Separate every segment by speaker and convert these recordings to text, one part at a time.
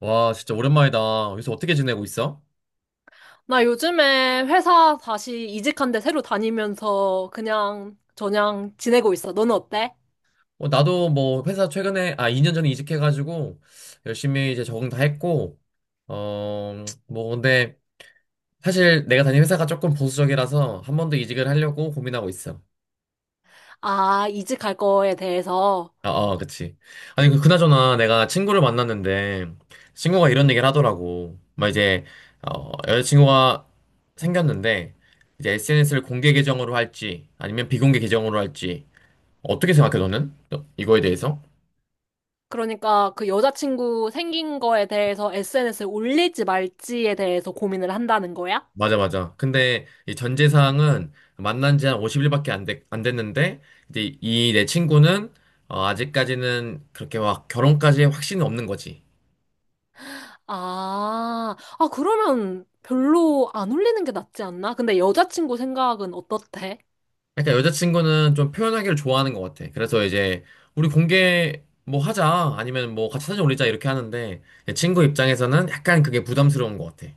Speaker 1: 와, 진짜 오랜만이다. 요새 어떻게 지내고 있어?
Speaker 2: 나 요즘에 회사 다시 이직한 데 새로 다니면서 그냥 저냥 지내고 있어. 너는 어때?
Speaker 1: 나도 뭐 회사 최근에, 아, 2년 전에 이직해가지고 열심히 이제 적응 다 했고, 뭐 근데 사실 내가 다니는 회사가 조금 보수적이라서 한 번 더 이직을 하려고 고민하고 있어.
Speaker 2: 아, 이직할 거에 대해서.
Speaker 1: 아, 아, 그치. 아니, 그나저나 내가 친구를 만났는데 친구가 이런 얘기를 하더라고. 막 이제, 여자친구가 생겼는데 이제 SNS를 공개 계정으로 할지 아니면 비공개 계정으로 할지 어떻게 생각해, 너는? 이거에 대해서?
Speaker 2: 그러니까 그 여자친구 생긴 거에 대해서 SNS에 올릴지 말지에 대해서 고민을 한다는 거야?
Speaker 1: 맞아, 맞아. 근데 이 전제사항은 만난 지 한 50일밖에 안 됐는데, 이제 이 내 친구는 아직까지는 그렇게 막 결혼까지 확신이 없는 거지.
Speaker 2: 아, 아, 그러면 별로 안 올리는 게 낫지 않나? 근데 여자친구 생각은 어떻대?
Speaker 1: 그러니까 여자친구는 좀 표현하기를 좋아하는 것 같아. 그래서 이제 우리 공개 뭐 하자, 아니면 뭐 같이 사진 올리자 이렇게 하는데, 내 친구 입장에서는 약간 그게 부담스러운 것 같아.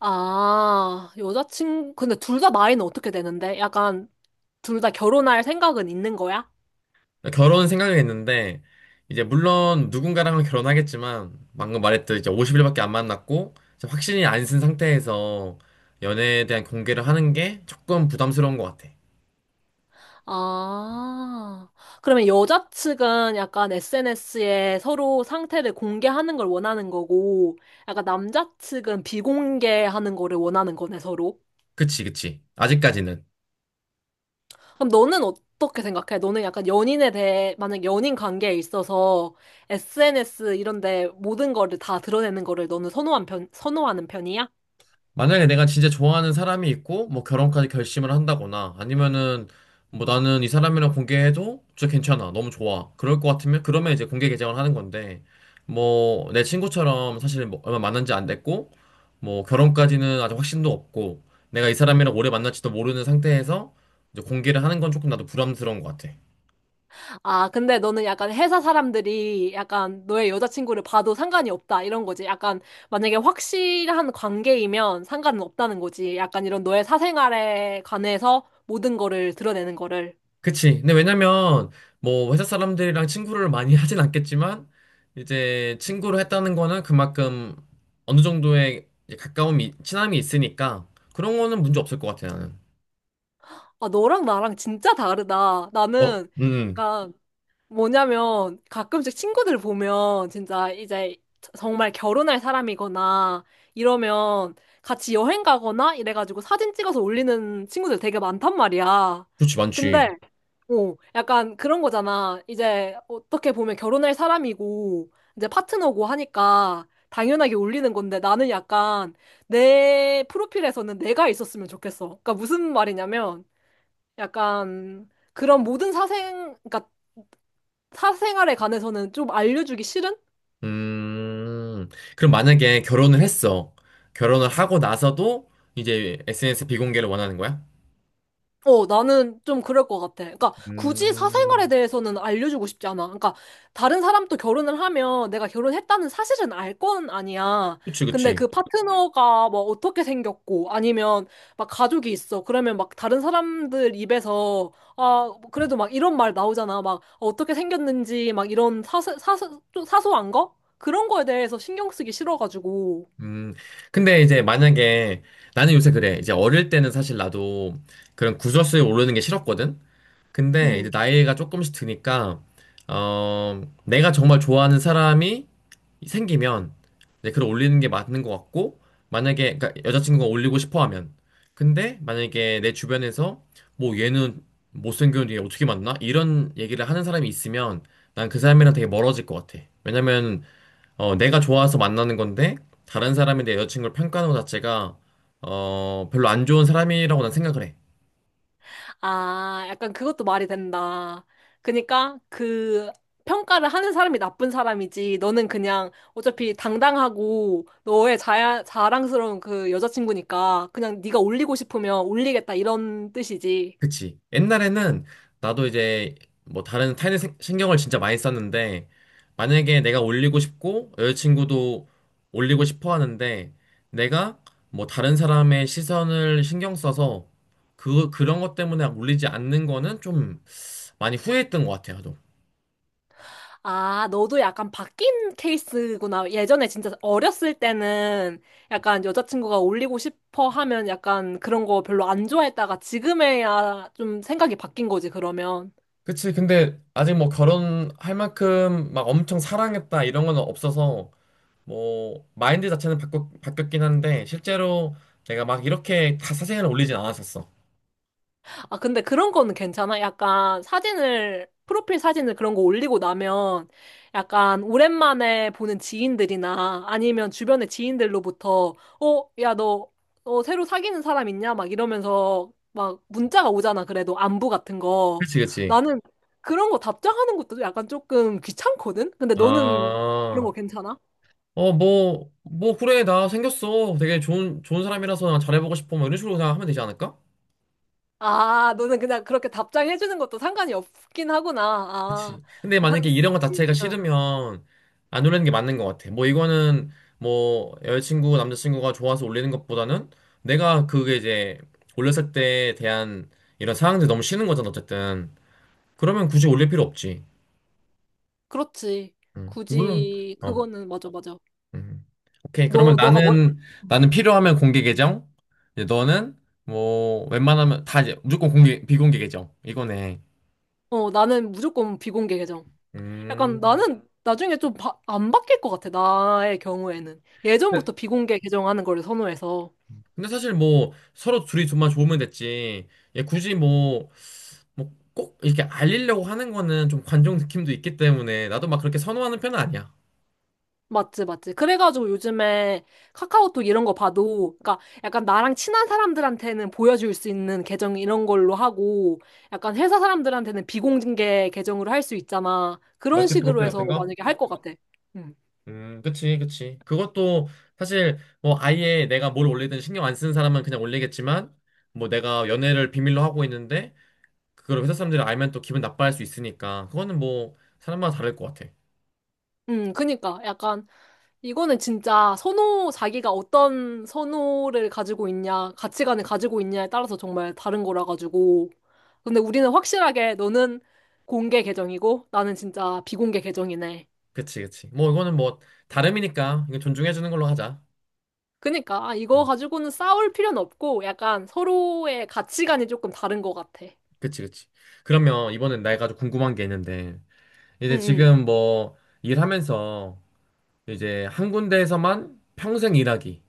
Speaker 2: 아, 여자친구, 근데 둘 다 나이는 어떻게 되는데? 약간 둘 다 결혼할 생각은 있는 거야?
Speaker 1: 결혼 생각을 했는데, 이제 물론 누군가랑은 결혼하겠지만, 방금 말했듯 이제 50일밖에 안 만났고, 이제 확신이 안 쓴 상태에서 연애에 대한 공개를 하는 게 조금 부담스러운 것 같아.
Speaker 2: 아, 그러면 여자 측은 약간 SNS에 서로 상태를 공개하는 걸 원하는 거고, 약간 남자 측은 비공개하는 거를 원하는 거네, 서로.
Speaker 1: 그치, 그치. 아직까지는.
Speaker 2: 그럼 너는 어떻게 생각해? 너는 약간 연인에 대해, 만약 연인 관계에 있어서 SNS 이런 데 모든 거를 다 드러내는 거를 너는 선호한 편, 선호하는 편이야?
Speaker 1: 만약에 내가 진짜 좋아하는 사람이 있고, 뭐 결혼까지 결심을 한다거나, 아니면은, 뭐 나는 이 사람이랑 공개해도 진짜 괜찮아. 너무 좋아. 그럴 것 같으면, 그러면 이제 공개 계정을 하는 건데, 뭐, 내 친구처럼 사실 뭐 얼마 만난 지 안 됐고, 뭐 결혼까지는 아직 확신도 없고, 내가 이 사람이랑 오래 만날지도 모르는 상태에서 이제 공개를 하는 건 조금 나도 부담스러운 것 같아.
Speaker 2: 아, 근데 너는 약간 회사 사람들이 약간 너의 여자친구를 봐도 상관이 없다, 이런 거지. 약간 만약에 확실한 관계이면 상관은 없다는 거지. 약간 이런 너의 사생활에 관해서 모든 거를 드러내는 거를.
Speaker 1: 그치. 근데 왜냐면, 뭐, 회사 사람들이랑 친구를 많이 하진 않겠지만, 이제 친구를 했다는 거는 그만큼 어느 정도의 이제 가까움이, 친함이 있으니까, 그런 거는 문제 없을 것 같아, 나는.
Speaker 2: 아, 너랑 나랑 진짜 다르다.
Speaker 1: 어,
Speaker 2: 나는
Speaker 1: 음,
Speaker 2: 약간 뭐냐면 가끔씩 친구들 보면 진짜 이제 정말 결혼할 사람이거나 이러면 같이 여행 가거나 이래가지고 사진 찍어서 올리는 친구들 되게 많단 말이야.
Speaker 1: 그렇지, 많지.
Speaker 2: 근데 어, 약간 그런 거잖아. 이제 어떻게 보면 결혼할 사람이고 이제 파트너고 하니까 당연하게 올리는 건데 나는 약간 내 프로필에서는 내가 있었으면 좋겠어. 그러니까 무슨 말이냐면 약간 그런 모든 사생, 그러니까 사생활에 관해서는 좀 알려주기 싫은?
Speaker 1: 음, 그럼 만약에 결혼을 했어. 결혼을 하고 나서도 이제 SNS 비공개를 원하는 거야?
Speaker 2: 어, 나는 좀 그럴 것 같아. 그러니까 굳이 사생활에
Speaker 1: 음,
Speaker 2: 대해서는 알려주고 싶지 않아. 그러니까 다른 사람도 결혼을 하면 내가 결혼했다는 사실은 알 건 아니야.
Speaker 1: 그치,
Speaker 2: 근데
Speaker 1: 그치.
Speaker 2: 그 파트너가 뭐 어떻게 생겼고 아니면 막 가족이 있어. 그러면 막 다른 사람들 입에서 아, 그래도 막 이런 말 나오잖아. 막 어떻게 생겼는지 막 이런 좀 사소한 거? 그런 거에 대해서 신경 쓰기 싫어가지고.
Speaker 1: 음, 근데 이제 만약에 나는 요새 그래. 이제 어릴 때는 사실 나도 그런 구설수에 오르는 게 싫었거든? 근데 이제
Speaker 2: 음.
Speaker 1: 나이가 조금씩 드니까, 내가 정말 좋아하는 사람이 생기면 이제 글을 올리는 게 맞는 것 같고, 만약에, 그러니까 여자친구가 올리고 싶어 하면. 근데 만약에 내 주변에서 뭐 얘는 못생겼는데 얘 어떻게 만나? 이런 얘기를 하는 사람이 있으면 난 그 사람이랑 되게 멀어질 것 같아. 왜냐면 내가 좋아서 만나는 건데 다른 사람이 내 여자친구를 평가하는 것 자체가 별로 안 좋은 사람이라고 난 생각을 해.
Speaker 2: 아, 약간 그것도 말이 된다. 그니까 그 평가를 하는 사람이 나쁜 사람이지. 너는 그냥 어차피 당당하고 너의 자랑스러운 그 여자친구니까 그냥 네가 올리고 싶으면 올리겠다 이런 뜻이지.
Speaker 1: 그치? 옛날에는 나도 이제 뭐 다른 타인의 신경을 진짜 많이 썼는데 만약에 내가 올리고 싶고 여자친구도 올리고 싶어 하는데 내가 뭐 다른 사람의 시선을 신경 써서 그런 것 때문에 올리지 않는 거는 좀 많이 후회했던 것 같아요.
Speaker 2: 아, 너도 약간 바뀐 케이스구나. 예전에 진짜 어렸을 때는 약간 여자친구가 올리고 싶어 하면 약간 그런 거 별로 안 좋아했다가 지금에야 좀 생각이 바뀐 거지, 그러면.
Speaker 1: 그치. 근데 아직 뭐 결혼할 만큼 막 엄청 사랑했다 이런 건 없어서 뭐 마인드 자체는 바뀌었긴 한데 실제로 내가 막 이렇게 다 사진을 올리진 않았었어.
Speaker 2: 아, 근데 그런 거는 괜찮아? 약간 사진을, 프로필 사진을 그런 거 올리고 나면 약간 오랜만에 보는 지인들이나 아니면 주변의 지인들로부터 어, 야, 너, 어, 새로 사귀는 사람 있냐? 막 이러면서 막 문자가 오잖아. 그래도 안부 같은 거.
Speaker 1: 그치, 그치.
Speaker 2: 나는 그런 거 답장하는 것도 약간 조금 귀찮거든? 근데 너는
Speaker 1: 아,
Speaker 2: 그런 거 괜찮아?
Speaker 1: 그래, 나 생겼어. 되게 좋은 사람이라서 난 잘해보고 싶어. 뭐 이런 식으로 그냥 하면 되지 않을까?
Speaker 2: 아, 너는 그냥 그렇게 답장해주는 것도 상관이 없긴 하구나. 아,
Speaker 1: 그치. 근데 만약에 이런 거 자체가
Speaker 2: 사,
Speaker 1: 싫으면 안 올리는 게 맞는 것 같아. 뭐 이거는 뭐 여자친구, 남자친구가 좋아서 올리는 것보다는 내가 그게 이제 올렸을 때에 대한 이런 상황들이 너무 싫은 거잖아, 어쨌든. 그러면 굳이 올릴 필요 없지.
Speaker 2: 그렇지.
Speaker 1: 물론,
Speaker 2: 굳이
Speaker 1: 어,
Speaker 2: 그거는 맞아 맞아.
Speaker 1: 음. 오케이. 그러면
Speaker 2: 너 너가 뭐라?
Speaker 1: 나는, 나는 필요하면 공개 계정. 이제 너는 뭐 웬만하면 다 이제 무조건 공개, 비공개 계정. 이거네.
Speaker 2: 어, 나는 무조건 비공개 계정. 약간
Speaker 1: 음.
Speaker 2: 나는 나중에 좀 안 바뀔 것 같아. 나의 경우에는 예전부터 비공개 계정 하는 거를 선호해서.
Speaker 1: 근데 사실 뭐 서로 둘이 좀만 좋으면 됐지. 얘 굳이 뭐, 뭐 꼭 이렇게 알리려고 하는 거는 좀 관종 느낌도 있기 때문에 나도 막 그렇게 선호하는 편은 아니야.
Speaker 2: 맞지 맞지. 그래가지고 요즘에 카카오톡 이런 거 봐도 그러니까 약간 나랑 친한 사람들한테는 보여줄 수 있는 계정 이런 걸로 하고 약간 회사 사람들한테는 비공개 계정으로 할 수 있잖아. 그런
Speaker 1: 멀티
Speaker 2: 식으로
Speaker 1: 프로필
Speaker 2: 해서
Speaker 1: 같은 거?
Speaker 2: 만약에 할 것 같아. 음.
Speaker 1: 그치, 그치. 그것도 사실 뭐 아예 내가 뭘 올리든 신경 안 쓰는 사람은 그냥 올리겠지만 뭐 내가 연애를 비밀로 하고 있는데 그걸 회사 사람들이 알면 또 기분 나빠할 수 있으니까 그거는 뭐 사람마다 다를 것 같아.
Speaker 2: 그니까 약간 이거는 진짜 선호, 자기가 어떤 선호를 가지고 있냐, 가치관을 가지고 있냐에 따라서 정말 다른 거라 가지고. 근데 우리는 확실하게 너는 공개 계정이고 나는 진짜 비공개 계정이네.
Speaker 1: 그치, 그치. 뭐 이거는 뭐 다름이니까 이건 존중해주는 걸로 하자.
Speaker 2: 그니까 아, 이거 가지고는 싸울 필요는 없고 약간 서로의 가치관이 조금 다른 것 같아.
Speaker 1: 그치, 그치. 그러면 이번엔 내가 좀 궁금한 게 있는데,
Speaker 2: 응,
Speaker 1: 이제
Speaker 2: 응.
Speaker 1: 지금 뭐 일하면서 이제 한 군데에서만 평생 일하기,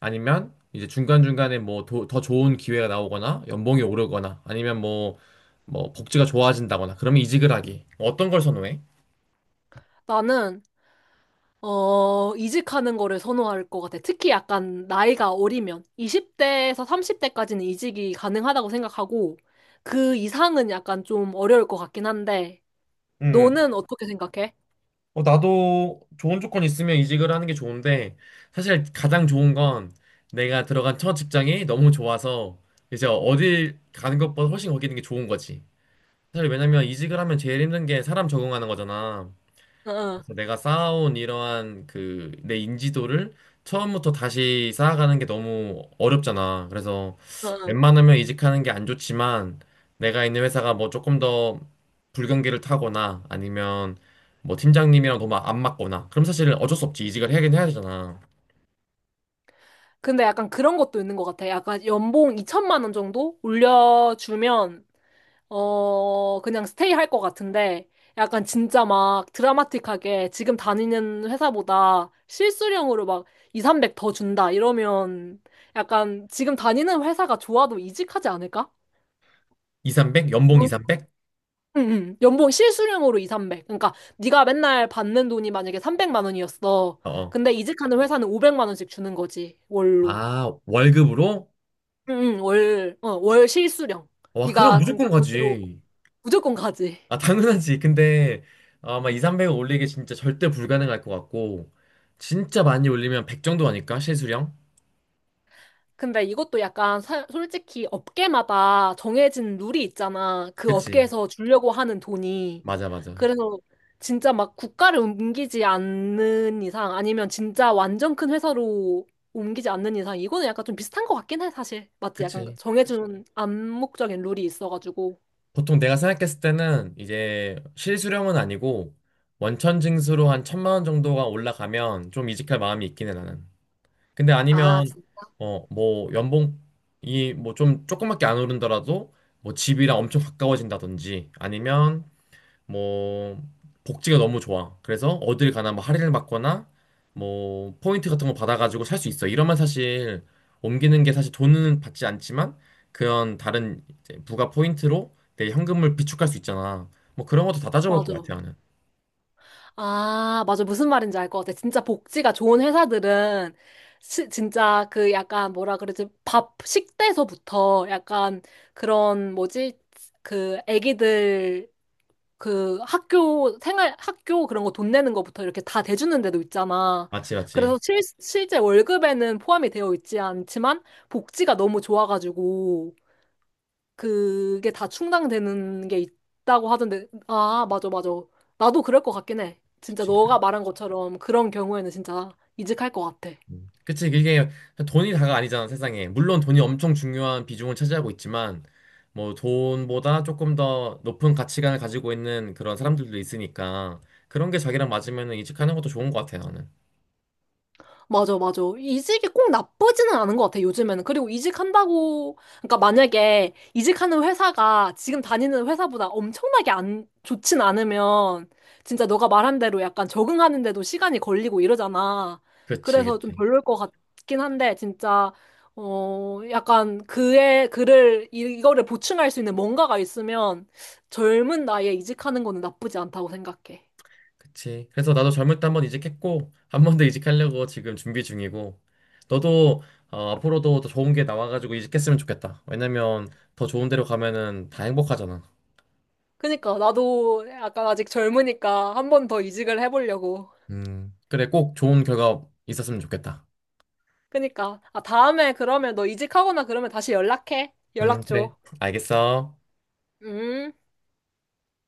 Speaker 1: 아니면 이제 중간중간에 뭐 더 좋은 기회가 나오거나, 연봉이 오르거나, 아니면 뭐, 뭐 복지가 좋아진다거나, 그러면 이직을 하기. 어떤 걸 선호해?
Speaker 2: 나는 어, 이직하는 거를 선호할 것 같아. 특히 약간 나이가 어리면 20대에서 30대까지는 이직이 가능하다고 생각하고 그 이상은 약간 좀 어려울 것 같긴 한데
Speaker 1: 음,
Speaker 2: 너는 어떻게 생각해?
Speaker 1: 나도 좋은 조건 있으면 이직을 하는 게 좋은데, 사실 가장 좋은 건 내가 들어간 첫 직장이 너무 좋아서, 이제 어딜 가는 것보다 훨씬 거기 있는 게 좋은 거지. 사실 왜냐면 이직을 하면 제일 힘든 게 사람 적응하는 거잖아.
Speaker 2: 응, 응,
Speaker 1: 그래서 내가 쌓아온 이러한 그 내 인지도를 처음부터 다시 쌓아가는 게 너무 어렵잖아. 그래서
Speaker 2: 응. 응.
Speaker 1: 웬만하면 이직하는 게 안 좋지만 내가 있는 회사가 뭐 조금 더 불경기를 타거나 아니면 뭐 팀장님이랑 너무 안 맞거나 그럼 사실 어쩔 수 없지. 이직을 하긴 해야 되잖아.
Speaker 2: 근데 약간 그런 것도 있는 것 같아. 약간 연봉 2천만 원 정도 올려주면 어, 그냥 스테이 할 것 같은데, 약간 진짜 막 드라마틱하게 지금 다니는 회사보다 실수령으로 막 2, 300 더 준다, 이러면 약간 지금 다니는 회사가 좋아도 이직하지 않을까?
Speaker 1: 이삼백? 연봉
Speaker 2: 너-
Speaker 1: 이삼백?
Speaker 2: 응, 응. 연봉 실수령으로 2, 300. 그러니까 네가 맨날 받는 돈이 만약에 300만 원이었어.
Speaker 1: 어. 어.
Speaker 2: 근데 이직하는 회사는 500만 원씩 주는 거지, 월로.
Speaker 1: 아, 월급으로?
Speaker 2: 응, 응, 월, 어, 월 실수령.
Speaker 1: 와, 그럼 어.
Speaker 2: 네가 진짜
Speaker 1: 무조건
Speaker 2: 돈으로
Speaker 1: 가지.
Speaker 2: 무조건 가지.
Speaker 1: 아, 당연하지. 근데 아마 2, 300을 올리기 진짜 절대 불가능할 것 같고, 진짜 많이 올리면 100 정도 아닐까? 실수령?
Speaker 2: 근데 이것도 약간 솔직히 업계마다 정해진 룰이 있잖아. 그
Speaker 1: 그치.
Speaker 2: 업계에서 주려고 하는 돈이.
Speaker 1: 맞아, 맞아.
Speaker 2: 그래서 진짜 막 국가를 옮기지 않는 이상 아니면 진짜 완전 큰 회사로 옮기지 않는 이상 이거는 약간 좀 비슷한 것 같긴 해, 사실. 맞지? 약간
Speaker 1: 그치.
Speaker 2: 정해준 암묵적인 룰이 있어가지고.
Speaker 1: 보통 내가 생각했을 때는 이제 실수령은 아니고, 원천 징수로 한 1,000만 원 정도가 올라가면 좀 이직할 마음이 있긴 해, 나는. 근데
Speaker 2: 아,
Speaker 1: 아니면, 뭐, 연봉이 뭐 좀 조금밖에 안 오른더라도, 뭐 집이랑 엄청 가까워진다든지, 아니면 뭐 복지가 너무 좋아. 그래서 어딜 가나 뭐 할인을 받거나 뭐 포인트 같은 거 받아가지고 살 수 있어. 이러면 사실 옮기는 게 사실 돈은 받지 않지만 그런 다른 이제 부가 포인트로 내 현금을 비축할 수 있잖아. 뭐 그런 것도 다 따져볼 것
Speaker 2: 맞아.
Speaker 1: 같아 나는.
Speaker 2: 아, 맞아. 무슨 말인지 알 것 같아. 진짜 복지가 좋은 회사들은 진짜 그 약간 뭐라 그러지? 밥 식대서부터 약간 그런 뭐지? 그 애기들 그 학교 생활 학교 그런 거 돈 내는 거부터 이렇게 다 대주는 데도 있잖아.
Speaker 1: 맞지 맞지.
Speaker 2: 그래서 실제 월급에는 포함이 되어 있지 않지만 복지가 너무 좋아가지고 그게 다 충당되는 게 있다고 하던데, 아, 맞아, 맞아. 나도 그럴 것 같긴 해. 진짜
Speaker 1: 그치.
Speaker 2: 너가 말한 것처럼 그런 경우에는 진짜 이직할 것 같아.
Speaker 1: 음. 그치, 그게 돈이 다가 아니잖아, 세상에. 물론 돈이 엄청 중요한 비중을 차지하고 있지만, 뭐 돈보다 조금 더 높은 가치관을 가지고 있는 그런 사람들도 있으니까, 그런 게 자기랑 맞으면 이직하는 것도 좋은 것 같아, 나는.
Speaker 2: 맞아, 맞아. 이직이 꼭 나쁘지는 않은 것 같아, 요즘에는. 그리고 이직한다고, 그러니까 만약에 이직하는 회사가 지금 다니는 회사보다 엄청나게 안 좋진 않으면, 진짜 너가 말한 대로 약간 적응하는데도 시간이 걸리고 이러잖아.
Speaker 1: 그치,
Speaker 2: 그래서 좀
Speaker 1: 그치.
Speaker 2: 별로일 것 같긴 한데, 진짜, 어, 약간 이거를 보충할 수 있는 뭔가가 있으면, 젊은 나이에 이직하는 거는 나쁘지 않다고 생각해.
Speaker 1: 그치. 그래서 나도 젊을 때 한 번 이직했고, 한 번 더 이직하려고 지금 준비 중이고, 너도 앞으로도 더 좋은 게 나와가지고 이직했으면 좋겠다. 왜냐면 더 좋은 데로 가면은 다 행복하잖아.
Speaker 2: 그니까 나도 약간 아직 젊으니까 한 번 더 이직을 해보려고.
Speaker 1: 그래, 꼭 좋은 결과 있었으면 좋겠다.
Speaker 2: 그니까 아 다음에 그러면 너 이직하거나 그러면 다시 연락해.
Speaker 1: 응,
Speaker 2: 연락
Speaker 1: 그래.
Speaker 2: 줘.
Speaker 1: 알겠어.
Speaker 2: 음.